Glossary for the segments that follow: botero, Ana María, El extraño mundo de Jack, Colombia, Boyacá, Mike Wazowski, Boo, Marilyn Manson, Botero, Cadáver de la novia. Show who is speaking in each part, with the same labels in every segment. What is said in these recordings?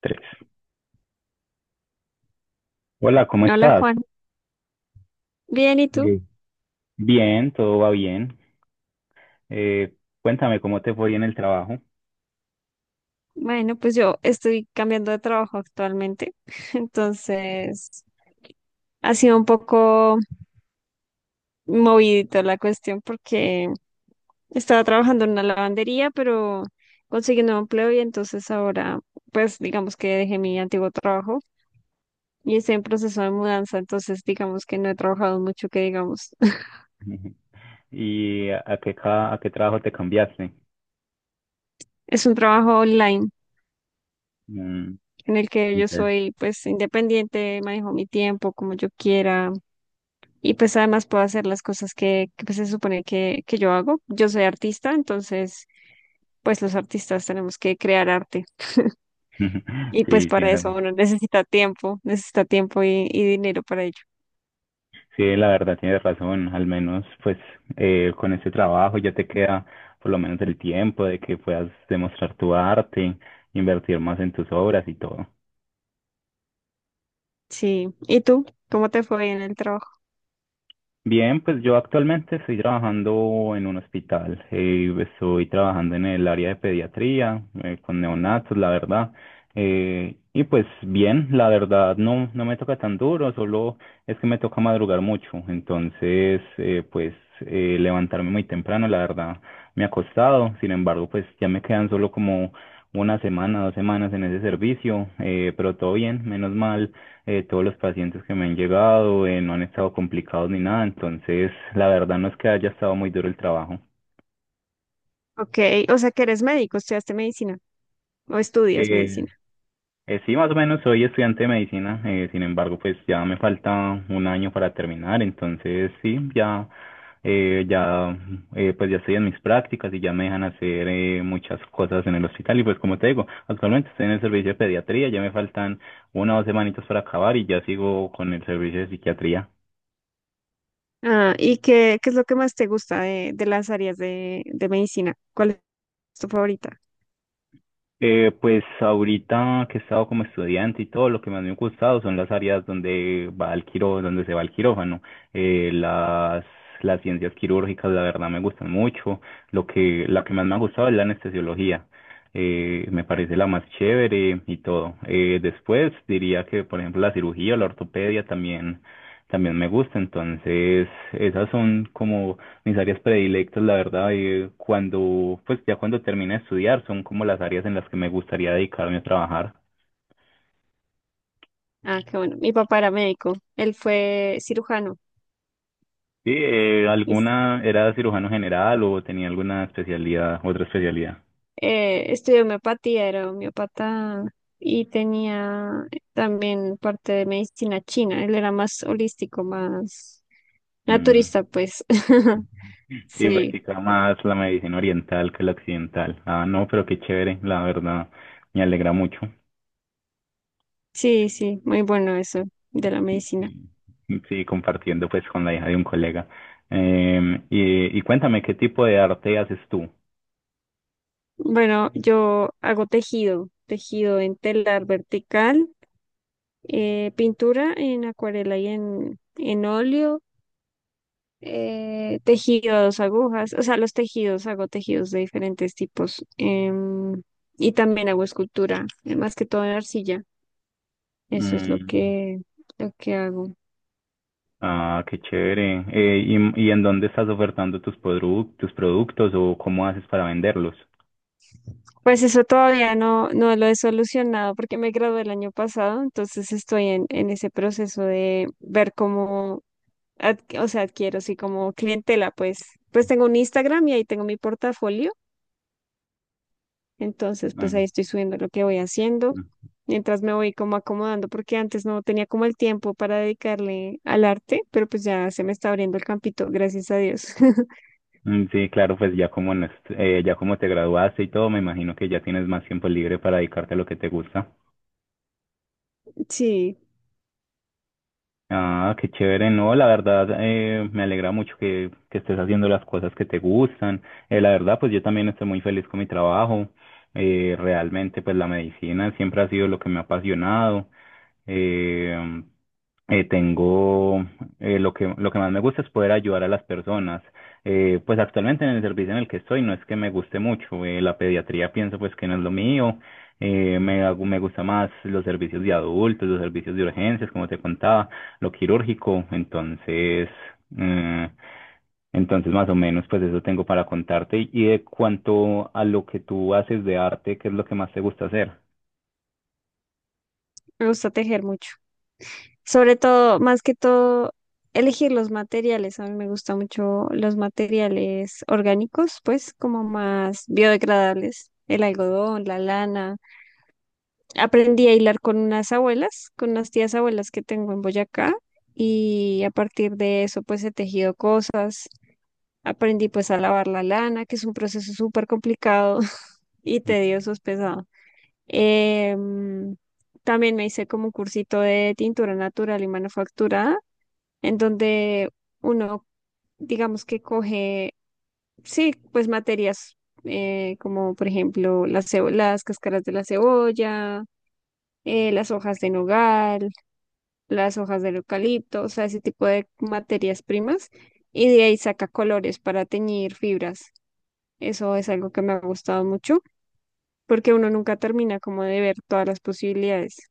Speaker 1: Tres. Hola, ¿cómo
Speaker 2: Hola
Speaker 1: estás?
Speaker 2: Juan, bien, ¿y
Speaker 1: Ok.
Speaker 2: tú?
Speaker 1: Bien, todo va bien. Eh, cuéntame cómo te fue en el trabajo.
Speaker 2: Bueno, pues yo estoy cambiando de trabajo actualmente, entonces ha sido un poco movidito la cuestión porque estaba trabajando en una lavandería, pero conseguí un nuevo empleo y entonces ahora, pues digamos que dejé mi antiguo trabajo y estoy en proceso de mudanza, entonces digamos que no he trabajado mucho, que digamos.
Speaker 1: Ujú. Y a qué trabajo te cambiaste.
Speaker 2: Es un trabajo online
Speaker 1: Mm,
Speaker 2: en el que yo
Speaker 1: ok.
Speaker 2: soy pues independiente, manejo mi tiempo como yo quiera. Y pues además puedo hacer las cosas que, pues, se supone que yo hago. Yo soy artista, entonces pues los artistas tenemos que crear arte. Y pues
Speaker 1: Sí, sí,
Speaker 2: para
Speaker 1: la
Speaker 2: eso uno necesita tiempo y dinero para ello.
Speaker 1: sí, la verdad tienes razón. Al menos, pues, con ese trabajo ya te queda por lo menos el tiempo de que puedas demostrar tu arte, invertir más en tus obras y todo.
Speaker 2: Sí. ¿Y tú? ¿Cómo te fue en el trabajo?
Speaker 1: Bien, pues yo actualmente estoy trabajando en un hospital. Eh, estoy trabajando en el área de pediatría, con neonatos, la verdad. Eh, y pues bien, la verdad no, no me toca tan duro, solo es que me toca madrugar mucho. Entonces, pues levantarme muy temprano, la verdad, me ha costado. Sin embargo, pues ya me quedan solo como una semana, dos semanas en ese servicio, pero todo bien, menos mal, todos los pacientes que me han llegado no han estado complicados ni nada, entonces la verdad no es que haya estado muy duro el trabajo.
Speaker 2: Ok, o sea que eres médico, estudiaste medicina o estudias
Speaker 1: Eh,
Speaker 2: medicina.
Speaker 1: sí, más o menos soy estudiante de medicina, sin embargo, pues ya me falta un año para terminar, entonces sí, ya, eh, ya, pues ya estoy en mis prácticas y ya me dejan hacer muchas cosas en el hospital y pues como te digo, actualmente estoy en el servicio de pediatría, ya me faltan una o dos semanitas para acabar y ya sigo con el servicio de psiquiatría.
Speaker 2: Ah, ¿y qué es lo que más te gusta de las áreas de medicina? ¿Cuál es tu favorita?
Speaker 1: Pues ahorita que he estado como estudiante y todo, lo que más me ha gustado son las áreas donde va el quiró, donde se va el quirófano. Eh, las, las ciencias quirúrgicas, la verdad, me gustan mucho. Lo que, la que más me ha gustado es la anestesiología. Me parece la más chévere y todo. Después diría que, por ejemplo, la cirugía, la ortopedia también, también me gusta. Entonces, esas son como mis áreas predilectas, la verdad, cuando, pues ya cuando termine de estudiar, son como las áreas en las que me gustaría dedicarme a trabajar.
Speaker 2: Ah, qué bueno. Mi papá era médico, él fue cirujano.
Speaker 1: Sí, alguna era cirujano general o tenía alguna especialidad, otra especialidad.
Speaker 2: Estudié homeopatía, era homeopata y tenía también parte de medicina china. Él era más holístico, más
Speaker 1: Mm,
Speaker 2: naturista, pues.
Speaker 1: y
Speaker 2: Sí,
Speaker 1: practicaba más la medicina oriental que la occidental. Ah, no, pero qué chévere, la verdad, me alegra mucho.
Speaker 2: sí, sí, muy bueno eso de la
Speaker 1: Sí,
Speaker 2: medicina.
Speaker 1: sí, sí, compartiendo pues con la hija de un colega. Y cuéntame, ¿qué tipo de arte haces tú?
Speaker 2: Bueno, yo hago tejido, tejido en telar vertical, pintura en acuarela y en óleo, tejidos, agujas, o sea, los tejidos, hago tejidos de diferentes tipos. Y también hago escultura, más que todo en arcilla. Eso es
Speaker 1: Mm.
Speaker 2: lo que hago.
Speaker 1: Ah, qué chévere. Y en dónde estás ofertando tus productos o cómo haces para venderlos?
Speaker 2: Pues eso todavía no lo he solucionado porque me gradué el año pasado, entonces estoy en ese proceso de ver cómo, o sea, adquiero así como clientela, pues. Pues tengo un Instagram y ahí tengo mi portafolio. Entonces, pues ahí
Speaker 1: Mm,
Speaker 2: estoy subiendo lo que voy haciendo,
Speaker 1: mm,
Speaker 2: mientras me voy como acomodando, porque antes no tenía como el tiempo para dedicarle al arte, pero pues ya se me está abriendo el campito, gracias a Dios.
Speaker 1: mm, sí, claro, pues ya como en ya como te graduaste y todo, me imagino que ya tienes más tiempo libre para dedicarte a lo que te gusta.
Speaker 2: Sí,
Speaker 1: Ah, qué chévere. No, la verdad, me alegra mucho que estés haciendo las cosas que te gustan. La verdad, pues yo también estoy muy feliz con mi trabajo. Realmente, pues la medicina siempre ha sido lo que me ha apasionado. Eh, tengo, lo que más me gusta es poder ayudar a las personas. Pues actualmente en el servicio en el que estoy no es que me guste mucho, la pediatría pienso pues que no es lo mío, me gusta más los servicios de adultos, los servicios de urgencias, como te contaba, lo quirúrgico, entonces, eh, entonces más o menos pues eso tengo para contarte y de cuanto a lo que tú haces de arte, ¿qué es lo que más te gusta hacer?
Speaker 2: me gusta tejer mucho. Sobre todo, más que todo, elegir los materiales. A mí me gustan mucho los materiales orgánicos, pues como más biodegradables, el algodón, la lana. Aprendí a hilar con unas abuelas, con unas tías abuelas que tengo en Boyacá y a partir de eso pues he tejido cosas. Aprendí pues a lavar la lana, que es un proceso súper complicado y tedioso, es pesado. Em, También me hice como un cursito de tintura natural y manufacturada, en donde uno, digamos que coge, sí, pues materias como por ejemplo las, las cáscaras de la cebolla, las hojas de nogal, las hojas del eucalipto, o sea, ese tipo de materias primas, y de ahí saca colores para teñir fibras. Eso es algo que me ha gustado mucho, porque uno nunca termina como de ver todas las posibilidades.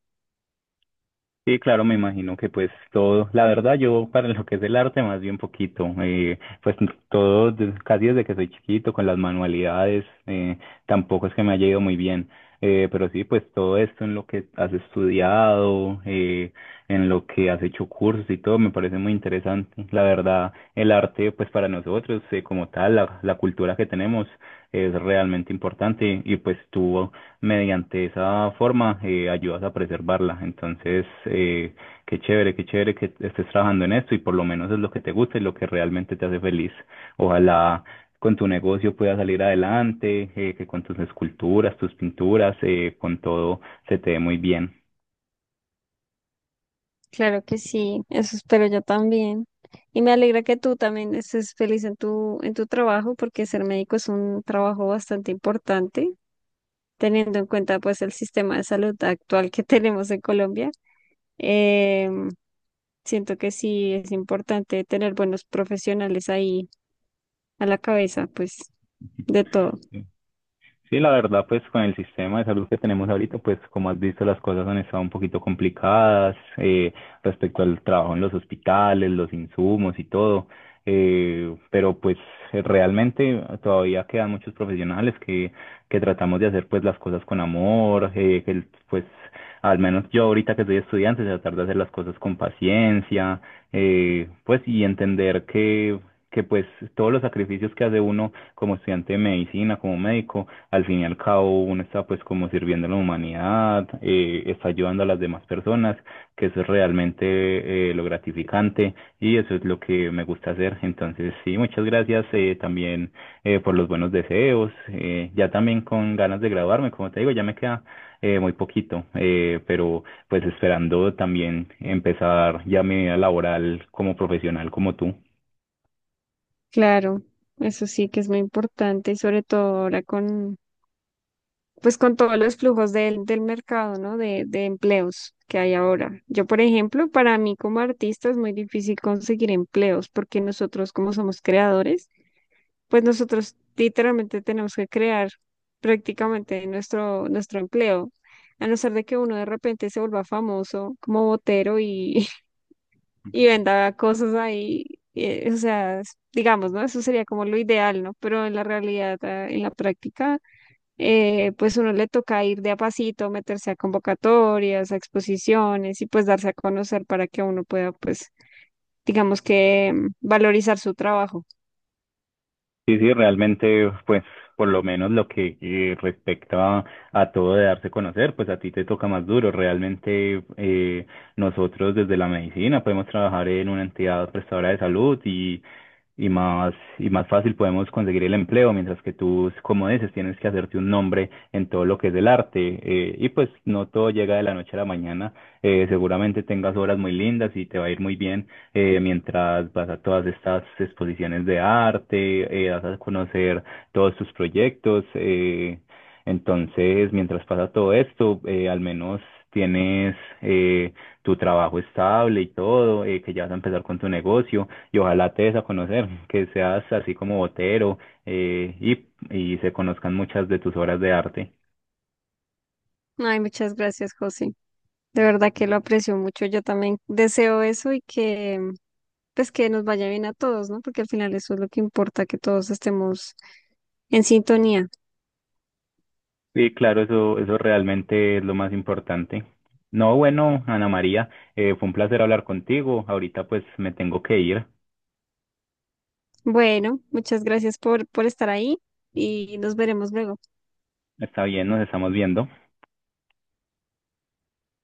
Speaker 1: Sí, claro, me imagino que pues todo, la verdad yo para lo que es el arte más bien poquito, pues todo, casi desde que soy chiquito con las manualidades, tampoco es que me haya ido muy bien, pero sí, pues todo esto en lo que has estudiado, en lo que has hecho cursos y todo, me parece muy interesante. La verdad, el arte pues para nosotros como tal, la cultura que tenemos es realmente importante y pues tú mediante esa forma ayudas a preservarla. Entonces, qué chévere que estés trabajando en esto y por lo menos es lo que te gusta y lo que realmente te hace feliz. Ojalá con tu negocio puedas salir adelante, que con tus esculturas, tus pinturas, con todo se te dé muy bien.
Speaker 2: Claro que sí, eso espero yo también. Y me alegra que tú también estés feliz en tu trabajo, porque ser médico es un trabajo bastante importante, teniendo en cuenta pues el sistema de salud actual que tenemos en Colombia. Em, Siento que sí es importante tener buenos profesionales ahí a la cabeza, pues de todo.
Speaker 1: Sí, la verdad, pues con el sistema de salud que tenemos ahorita, pues como has visto, las cosas han estado un poquito complicadas, respecto al trabajo en los hospitales, los insumos y todo. Pero pues realmente todavía quedan muchos profesionales que tratamos de hacer pues las cosas con amor, que pues al menos yo ahorita que soy estudiante, tratar de hacer las cosas con paciencia, pues y entender que pues todos los sacrificios que hace uno como estudiante de medicina, como médico, al fin y al cabo uno está pues como sirviendo a la humanidad, está ayudando a las demás personas, que eso es realmente, lo gratificante y eso es lo que me gusta hacer. Entonces, sí, muchas gracias, también por los buenos deseos, ya también con ganas de graduarme, como te digo, ya me queda muy poquito, pero pues esperando también empezar ya mi vida laboral como profesional como tú.
Speaker 2: Claro, eso sí que es muy importante y sobre todo ahora con, pues con todos los flujos del mercado, ¿no? De empleos que hay ahora. Yo, por ejemplo, para mí como artista es muy difícil conseguir empleos porque nosotros como somos creadores, pues nosotros literalmente tenemos que crear prácticamente nuestro empleo. A no ser de que uno de repente se vuelva famoso como botero y, y venda cosas ahí, o sea, digamos, ¿no? Eso sería como lo ideal, ¿no? Pero en la realidad, ah, en la práctica, pues uno le toca ir de a pasito, meterse a convocatorias, a exposiciones y pues darse a conocer para que uno pueda, pues, digamos que valorizar su trabajo.
Speaker 1: Sí, sí, realmente, pues, por lo menos lo que respecta a, todo de darse a conocer, pues a ti te toca más duro. Realmente, nosotros desde la medicina podemos trabajar en una entidad prestadora de salud y y más fácil podemos conseguir el empleo, mientras que tú, como dices, tienes que hacerte un nombre en todo lo que es el arte. Y pues no todo llega de la noche a la mañana. Seguramente tengas obras muy lindas y te va a ir muy bien mientras vas a todas estas exposiciones de arte, vas a conocer todos tus proyectos. Entonces, mientras pasa todo esto, al menos tienes eh, tu trabajo estable y todo, que ya vas a empezar con tu negocio y ojalá te des a conocer, que seas así como Botero, eh, y, y se conozcan muchas de tus obras de arte.
Speaker 2: Ay, muchas gracias, José. De verdad que lo aprecio mucho. Yo también deseo eso y que pues que nos vaya bien a todos, ¿no? Porque al final eso es lo que importa, que todos estemos en sintonía.
Speaker 1: Sí, claro, eso realmente es lo más importante. No, bueno, Ana María, fue un placer hablar contigo. Ahorita pues me tengo que ir.
Speaker 2: Bueno, muchas gracias por estar ahí y nos veremos luego.
Speaker 1: Está bien, nos estamos viendo.